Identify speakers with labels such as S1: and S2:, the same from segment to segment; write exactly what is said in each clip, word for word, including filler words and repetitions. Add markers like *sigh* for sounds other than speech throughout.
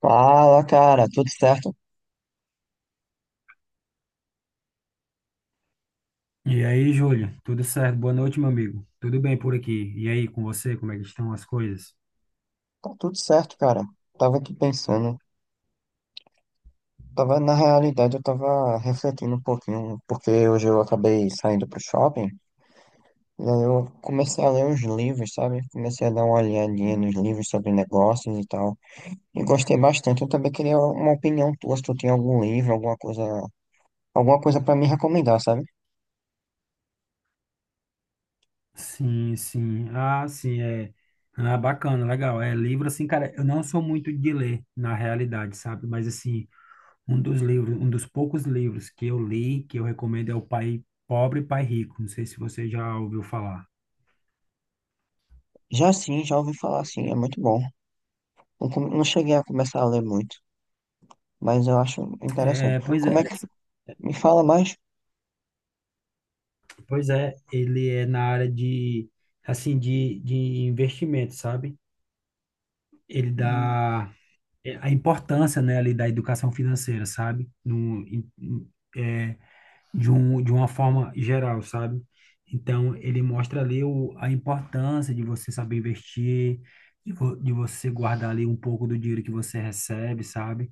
S1: Fala, cara, tudo certo?
S2: E aí, Júlio, tudo certo? Boa noite, meu amigo. Tudo bem por aqui? E aí, com você, como é que estão as coisas?
S1: Tá tudo certo, cara. Tava aqui pensando, tava na realidade, eu tava refletindo um pouquinho, porque hoje eu acabei saindo pro shopping, e aí eu comecei a ler uns livros, sabe? Comecei a dar uma olhadinha nos livros sobre negócios e tal, e gostei bastante. Eu também queria uma opinião tua, se tu tem algum livro, alguma coisa, alguma coisa para me recomendar, sabe?
S2: Sim, sim. Ah, sim, é. Ah, bacana, legal. É livro assim, cara, eu não sou muito de ler na realidade, sabe? Mas assim, um dos livros, um dos poucos livros que eu li, que eu recomendo é O Pai Pobre e Pai Rico. Não sei se você já ouviu falar.
S1: Já sim, já ouvi falar assim, é muito bom. Não, come- não cheguei a começar a ler muito, mas eu acho interessante.
S2: É, pois é,
S1: Como é que me fala mais?
S2: Pois é, ele é na área de assim de, de investimento, sabe? Ele dá é, a importância, né, ali da educação financeira, sabe? No, em- em- é, De um, de uma forma geral, sabe? Então, ele mostra ali o, a importância de você saber investir, de, vo, de você guardar ali um pouco do dinheiro que você recebe, sabe?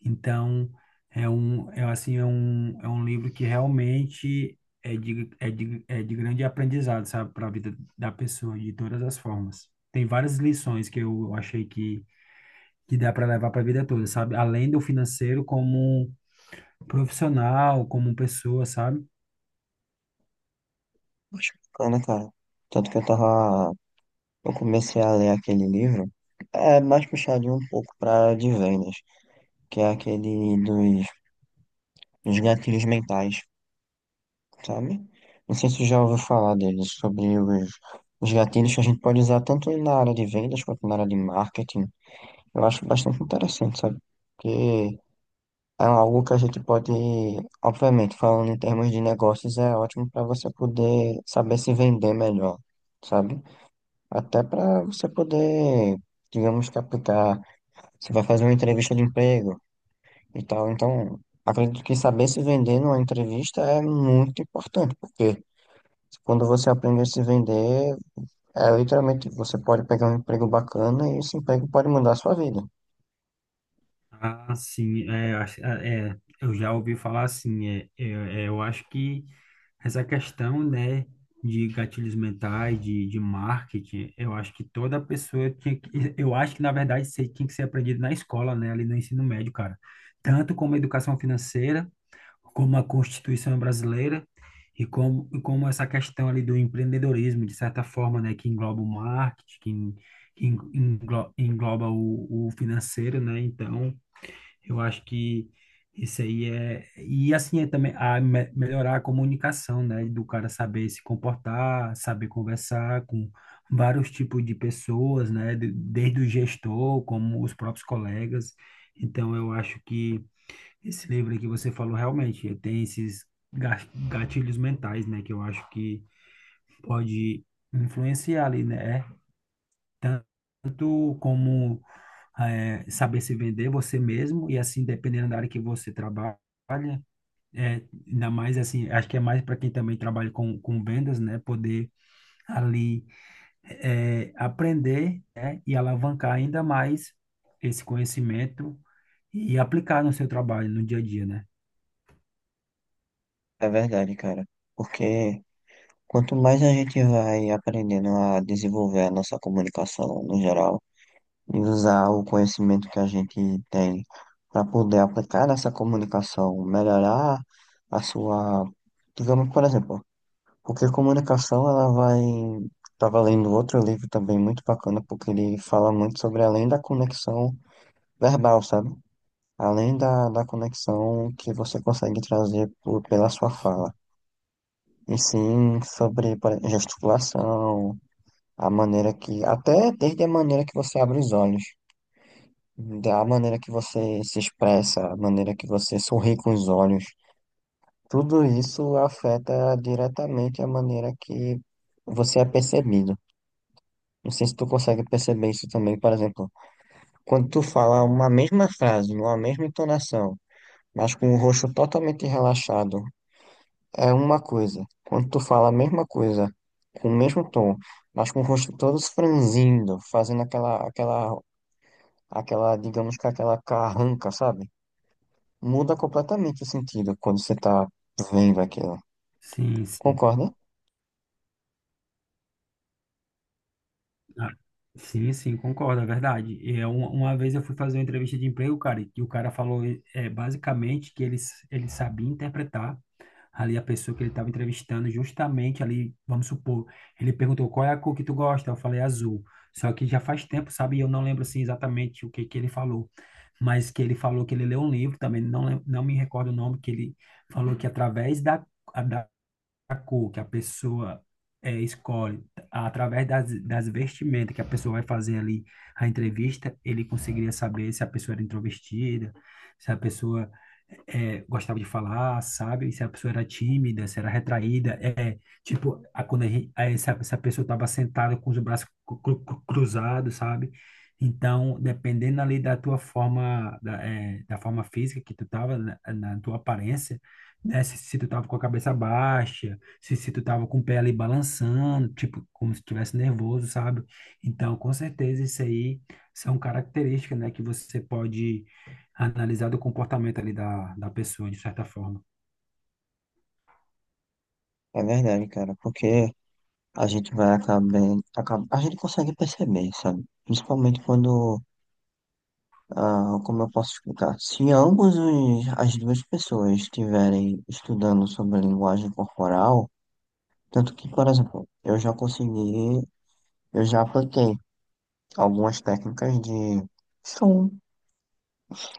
S2: Então, é um, é assim, é um, é um livro que realmente é de, é de, é de grande aprendizado, sabe? Para a vida da pessoa, de todas as formas. Tem várias lições que eu achei que que dá para levar para a vida toda, sabe? Além do financeiro, como profissional, como pessoa, sabe?
S1: Acho bacana, cara. Tanto que eu tava. Eu comecei a ler aquele livro. É mais puxadinho um pouco pra de vendas, que é aquele dos, dos gatilhos mentais, sabe? Não sei se você já ouviu falar dele sobre os, os gatilhos que a gente pode usar tanto na área de vendas quanto na área de marketing. Eu acho bastante interessante, sabe? Porque é algo que a gente pode, obviamente, falando em termos de negócios, é ótimo para você poder saber se vender melhor, sabe? Até para você poder, digamos, captar. Você vai fazer uma entrevista de emprego e tal. Então, acredito que saber se vender numa entrevista é muito importante, porque quando você aprende a se vender, é literalmente você pode pegar um emprego bacana e esse emprego pode mudar a sua vida.
S2: Ah, sim, é, acho- é, é, eu já ouvi falar assim, é, é, é, eu acho que essa questão, né, de gatilhos mentais, de, de marketing, eu acho que toda pessoa tinha que, eu acho que, na verdade, isso aí tinha que ser aprendido na escola, né, ali no ensino médio, cara. Tanto como educação financeira, como a Constituição brasileira e como, e como essa questão ali do empreendedorismo, de certa forma, né, que engloba o marketing, que, en- que en- englo- engloba o, o financeiro, né? Então, eu acho que isso aí é... E assim, é também a me- melhorar a comunicação, né? Do cara saber se comportar, saber conversar com vários tipos de pessoas, né? de- Desde o gestor, como os próprios colegas. Então, eu acho que esse livro aí que você falou realmente tem esses ga- gatilhos mentais, né, que eu acho que pode influenciar ali, né? É. Tanto como é, saber se vender você mesmo e assim dependendo da área que você trabalha, é, ainda mais assim, acho que é mais para quem também trabalha com, com vendas, né, poder ali é, aprender, né, e alavancar ainda mais esse conhecimento e aplicar no seu trabalho, no dia a dia, né?
S1: É verdade, cara. Porque quanto mais a gente vai aprendendo a desenvolver a nossa comunicação no geral, e usar o conhecimento que a gente tem para poder aplicar nessa comunicação, melhorar a sua, digamos, por exemplo, porque comunicação ela vai. Estava lendo outro livro também muito bacana, porque ele fala muito sobre além da conexão verbal, sabe? Além da, da conexão que você consegue trazer por, pela sua fala. E sim sobre por exemplo, gesticulação, a maneira que. Até desde a maneira que você abre os olhos. Da maneira que você se expressa, a maneira que você sorri com os olhos, tudo isso afeta diretamente a maneira que você é percebido. Não sei se tu consegue perceber isso também, por exemplo, quando tu fala uma mesma frase, numa mesma entonação, mas com o rosto totalmente relaxado, é uma coisa. Quando tu fala a mesma coisa, com o mesmo tom, mas com o rosto todo franzindo, fazendo aquela, aquela, aquela, digamos que aquela carranca, sabe? Muda completamente o sentido quando você tá vendo aquilo.
S2: Sim, sim.
S1: Concorda?
S2: Ah, Sim, sim, concordo, é verdade. E eu- uma vez eu fui fazer uma entrevista de emprego, cara, e o cara falou é, basicamente que ele, s- ele sabia interpretar ali a pessoa que ele estava entrevistando, justamente ali, vamos supor, ele perguntou qual é a cor que tu gosta, eu falei azul. Só que já faz tempo, sabe? E eu não lembro assim exatamente o que que ele falou, mas que ele falou que ele leu um livro também, não, lem- não me recordo o nome, que ele falou que através da cor que a pessoa é, escolhe, através das, das vestimentas que a pessoa vai fazer ali a entrevista, ele conseguiria saber se a pessoa era introvertida, se a pessoa é, gostava de falar, sabe? Se a pessoa era tímida, se era retraída. É, tipo, a, quando a gente, aí se, a, se a pessoa estava sentada com os braços cru- cru- cru- cruzados, sabe? Então, dependendo ali da tua forma, da, é, da forma física que tu tava, na, na tua aparência, né? Se, se tu tava com a cabeça baixa, se, se tu tava com o pé ali balançando, tipo, como se estivesse nervoso, sabe? Então, com certeza, isso aí são características, né, que você pode analisar do comportamento ali da, da pessoa, de certa forma.
S1: É verdade, cara, porque a gente vai acabar, acaba, a gente consegue perceber, sabe? Principalmente quando, ah, como eu posso explicar, se ambos os, as duas pessoas estiverem estudando sobre a linguagem corporal, tanto que, por exemplo, eu já consegui, eu já apliquei algumas técnicas de são,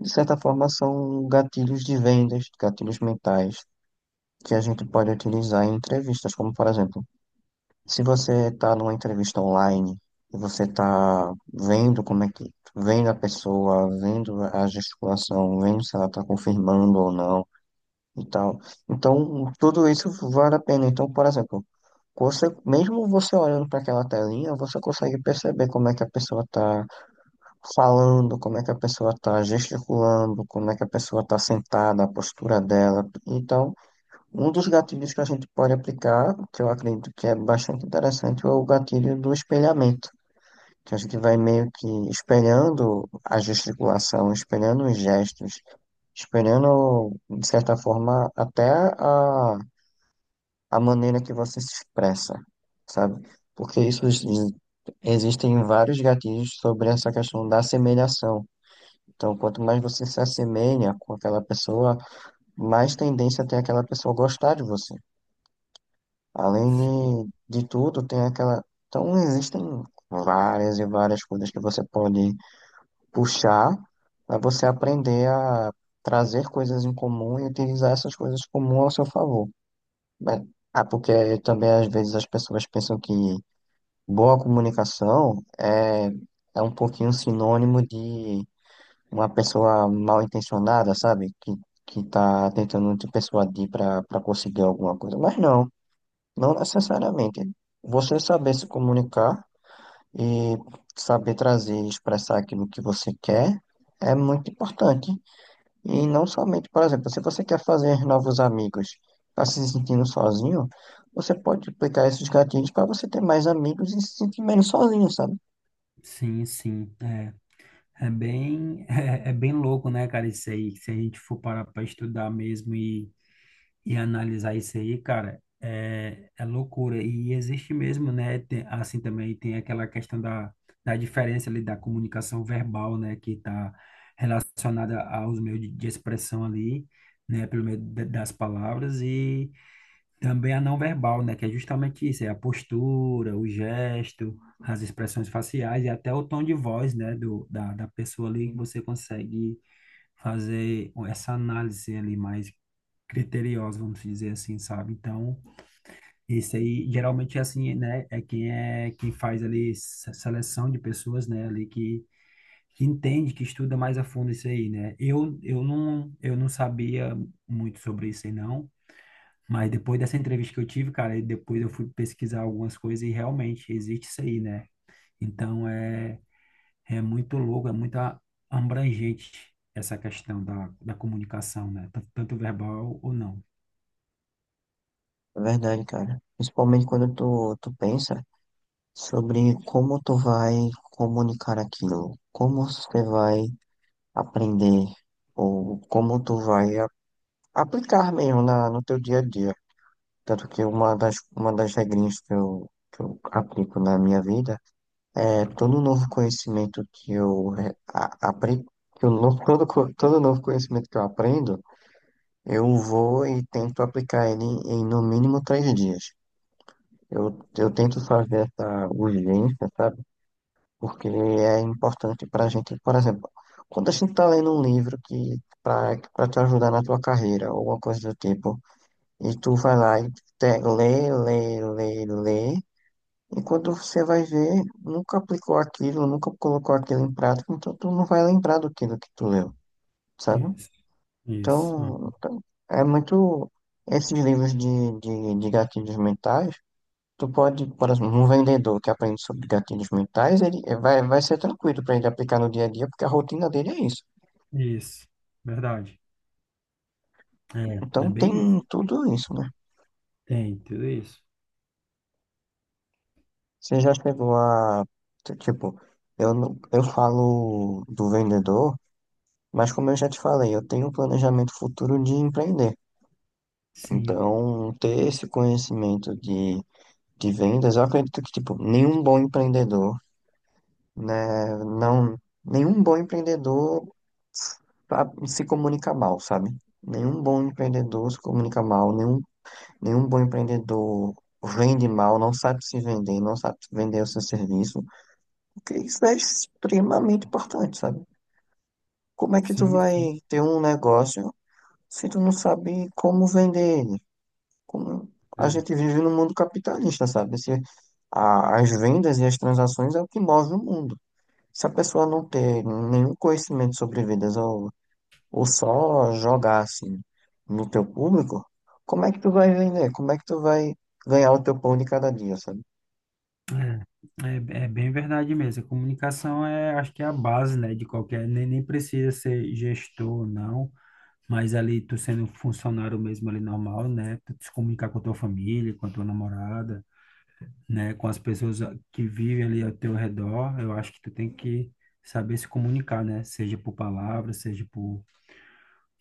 S1: de certa forma, são gatilhos de vendas, gatilhos mentais que a gente pode utilizar em entrevistas, como por exemplo, se você está numa entrevista online e você está vendo como é que, vendo a pessoa, vendo a gesticulação, vendo se ela está confirmando ou não e tal. Então, tudo isso vale a pena. Então, por exemplo, você, mesmo você olhando para aquela telinha, você consegue perceber como é que a pessoa está falando, como é que a pessoa está gesticulando, como é que a pessoa está sentada, a postura dela. Então, um dos gatilhos que a gente pode aplicar, que eu acredito que é bastante interessante, é o gatilho do espelhamento, que a gente vai meio que espelhando a gesticulação, espelhando os gestos, espelhando, de certa forma, até a, a maneira que você se expressa, sabe? Porque isso ex- existem vários gatilhos sobre essa questão da assemelhação. Então, quanto mais você se assemelha com aquela pessoa, mais tendência tem aquela pessoa gostar de você. Além de, de tudo, tem aquela. Então, existem várias e várias coisas que você pode puxar para você aprender a trazer coisas em comum e utilizar essas coisas comuns ao seu favor. Mas- ah, porque também às vezes as pessoas pensam que boa comunicação é, é um pouquinho sinônimo de uma pessoa mal intencionada, sabe? Que, que tá tentando te persuadir para para conseguir alguma coisa. Mas não. Não necessariamente. Você saber se comunicar e saber trazer e expressar aquilo que você quer é muito importante. E não somente, por exemplo, se você quer fazer novos amigos, está se sentindo sozinho, você pode aplicar esses gatilhos para você ter mais amigos e se sentir menos sozinho, sabe?
S2: Sim, sim, é. É bem, *laughs* é, é bem louco, né, cara, isso aí, se a gente for parar para estudar mesmo e e analisar isso aí, cara, é, é loucura. E existe mesmo, né? Tem- assim também tem aquela questão da, da diferença ali da comunicação verbal, né? Que está relacionada aos meios de, de expressão ali, né? Pelo meio da- das palavras e também a não verbal, né? Que é justamente isso, é a postura, o gesto, as expressões faciais e até o tom de voz, né? Do, da, da pessoa ali que você consegue fazer essa análise ali mais criteriosos, vamos dizer assim, sabe? Então, esse aí geralmente é assim, né? É quem é quem faz ali se- seleção de pessoas, né? Ali que, que entende, que estuda mais a fundo isso aí, né? Eu, eu não eu não sabia muito sobre isso aí não, mas depois dessa entrevista que eu tive, cara, e depois eu fui pesquisar algumas coisas e realmente existe isso aí, né? Então é É muito louco, é muito a- abrangente essa questão da, da comunicação, né? Tanto tanto verbal ou não.
S1: É verdade, cara. Principalmente quando tu, tu pensa sobre como tu vai comunicar aquilo, como você vai aprender ou como tu vai aplicar mesmo na, no teu dia a dia. Tanto que uma das, uma das regrinhas que eu, que eu aplico na minha vida é todo novo conhecimento que eu re- a- apre- que eu no- todo, co- todo novo conhecimento que eu aprendo, eu vou e tento aplicar ele em, no mínimo três dias. Eu, eu tento fazer essa urgência, sabe? Porque é importante para a gente, por exemplo, quando a gente está lendo um livro que para te ajudar na tua carreira ou alguma coisa do tipo, e tu vai lá e te- lê, lê, lê, lê. E quando você vai ver, nunca aplicou aquilo, nunca colocou aquilo em prática, então tu não vai lembrar do que, que tu leu, sabe?
S2: Isso, isso.
S1: Então, então, é muito. Esses livros de, de, de gatilhos mentais, tu pode, por exemplo, um vendedor que aprende sobre gatilhos mentais, ele vai, vai ser tranquilo para ele aplicar no dia a dia, porque a rotina dele é isso.
S2: Isso, verdade. É,
S1: Então
S2: é bem isso.
S1: tem tudo isso.
S2: Tem tudo isso.
S1: Você já chegou a. t- Tipo, eu, não- eu falo do vendedor, mas como eu já te falei, eu tenho um planejamento futuro de empreender.
S2: Sim,
S1: Então, ter esse conhecimento de, de vendas, eu acredito que, tipo, nenhum bom empreendedor, né? Não, nenhum bom empreendedor sabe, se comunica mal, sabe? Nenhum bom empreendedor se comunica mal, nenhum, nenhum bom empreendedor vende mal, não sabe se vender, não sabe vender o seu serviço. Que isso é extremamente importante, sabe? Como é que tu
S2: sim, sim.
S1: vai ter um negócio se tu não sabe como vender ele? Como... A
S2: É,
S1: gente vive no mundo capitalista, sabe? Se a- as vendas e as transações é o que move o mundo. Se a pessoa não ter nenhum conhecimento sobre vendas ou, ou só jogar assim no teu público, como é que tu vai vender? Como é que tu vai ganhar o teu pão de cada dia, sabe?
S2: é, é é bem verdade mesmo. A comunicação é, acho que é a base, né, de qualquer, nem, nem precisa ser gestor ou não, mas ali tu sendo funcionário mesmo ali normal, né, tu te comunicar com a tua família, com a tua namorada, né, com as pessoas que vivem ali ao teu redor, eu acho que tu tem que saber se comunicar, né, seja por palavras, seja por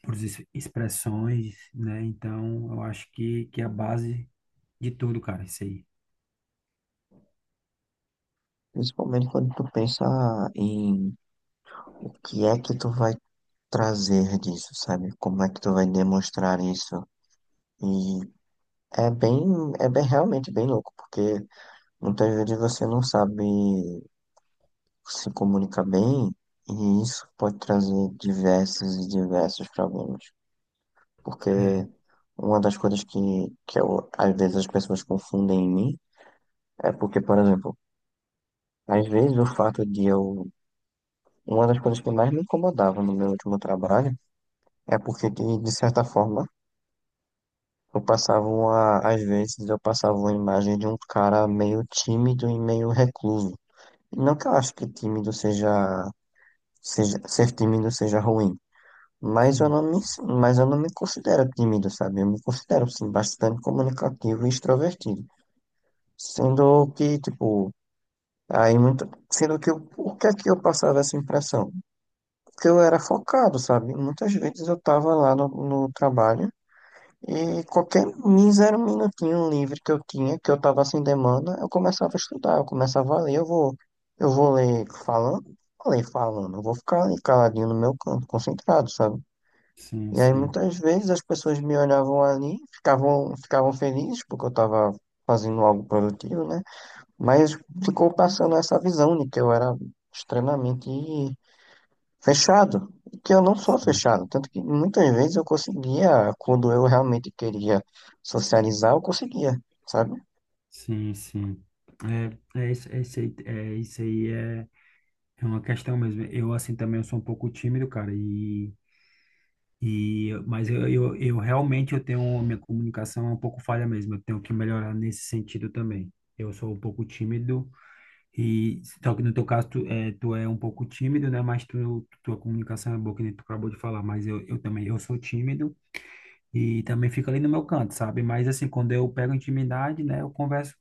S2: por ex- expressões, né? Então, eu acho que, que é a base de tudo, cara, isso aí.
S1: Principalmente quando tu pensa em o que é que tu vai trazer disso, sabe? Como é que tu vai demonstrar isso? E é bem, é bem realmente bem louco, porque muitas vezes você não sabe se comunicar bem e isso pode trazer diversos e diversos problemas. Porque
S2: É,
S1: uma das coisas que, que eu, às vezes as pessoas confundem em mim é porque, por exemplo, às vezes o fato de eu. Uma das coisas que mais me incomodava no meu último trabalho é porque, de de certa forma, eu passava uma, às vezes eu passava uma imagem de um cara meio tímido e meio recluso. Não que eu acho que tímido seja, seja, ser tímido seja ruim, mas eu
S2: sim,
S1: não me, mas eu não me considero tímido, sabe? Eu me considero, sim, bastante comunicativo e extrovertido. Sendo que, tipo, aí muito, sendo que eu, o que é que eu passava essa impressão? Porque eu era focado, sabe? Muitas vezes eu tava lá no, no trabalho. E qualquer mísero minutinho livre que eu tinha, que eu tava sem demanda, eu começava a estudar, eu começava a ler, eu vou, eu vou ler falando, vou ler falando, eu vou ficar ali caladinho no meu canto, concentrado, sabe?
S2: sim,
S1: E aí
S2: sim,
S1: muitas vezes as pessoas me olhavam ali, ficavam, ficavam felizes porque eu tava fazendo algo produtivo, né? Mas ficou passando essa visão de que eu era extremamente fechado, que eu não sou
S2: sim,
S1: fechado, tanto que muitas vezes eu conseguia, quando eu realmente queria socializar, eu conseguia, sabe?
S2: sim, sim. É, é, isso, é isso aí, é, isso aí é, é uma questão mesmo. Eu, assim, também eu sou um pouco tímido, cara, e, e mas eu, eu, eu realmente eu tenho, minha comunicação é um pouco falha mesmo, eu tenho que melhorar nesse sentido também. Eu sou um pouco tímido, e só que no teu caso, tu é, tu é um pouco tímido, né? Mas tu, tua comunicação é boa, que nem tu acabou de falar. Mas eu, eu também, eu sou tímido e também fico ali no meu canto, sabe? Mas assim, quando eu pego intimidade, né? Eu converso,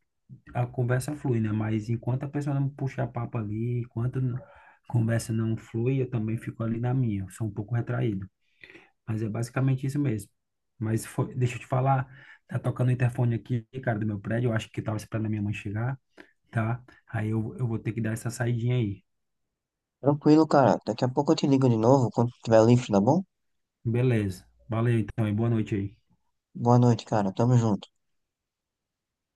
S2: a conversa flui, né? Mas enquanto a pessoa não puxa papo ali, enquanto n- a conversa não flui, eu também fico ali na minha. Eu Sou um pouco retraído. Mas é basicamente isso mesmo. Mas foi, deixa eu te falar, tá tocando o interfone aqui, cara, do meu prédio. Eu acho que tava esperando a minha mãe chegar, tá? Aí eu, eu vou ter que dar essa saidinha aí.
S1: Tranquilo, cara. Daqui a pouco eu te ligo de novo quando tiver livre, tá bom?
S2: Beleza. Valeu então e boa noite aí.
S1: Boa noite, cara. Tamo junto.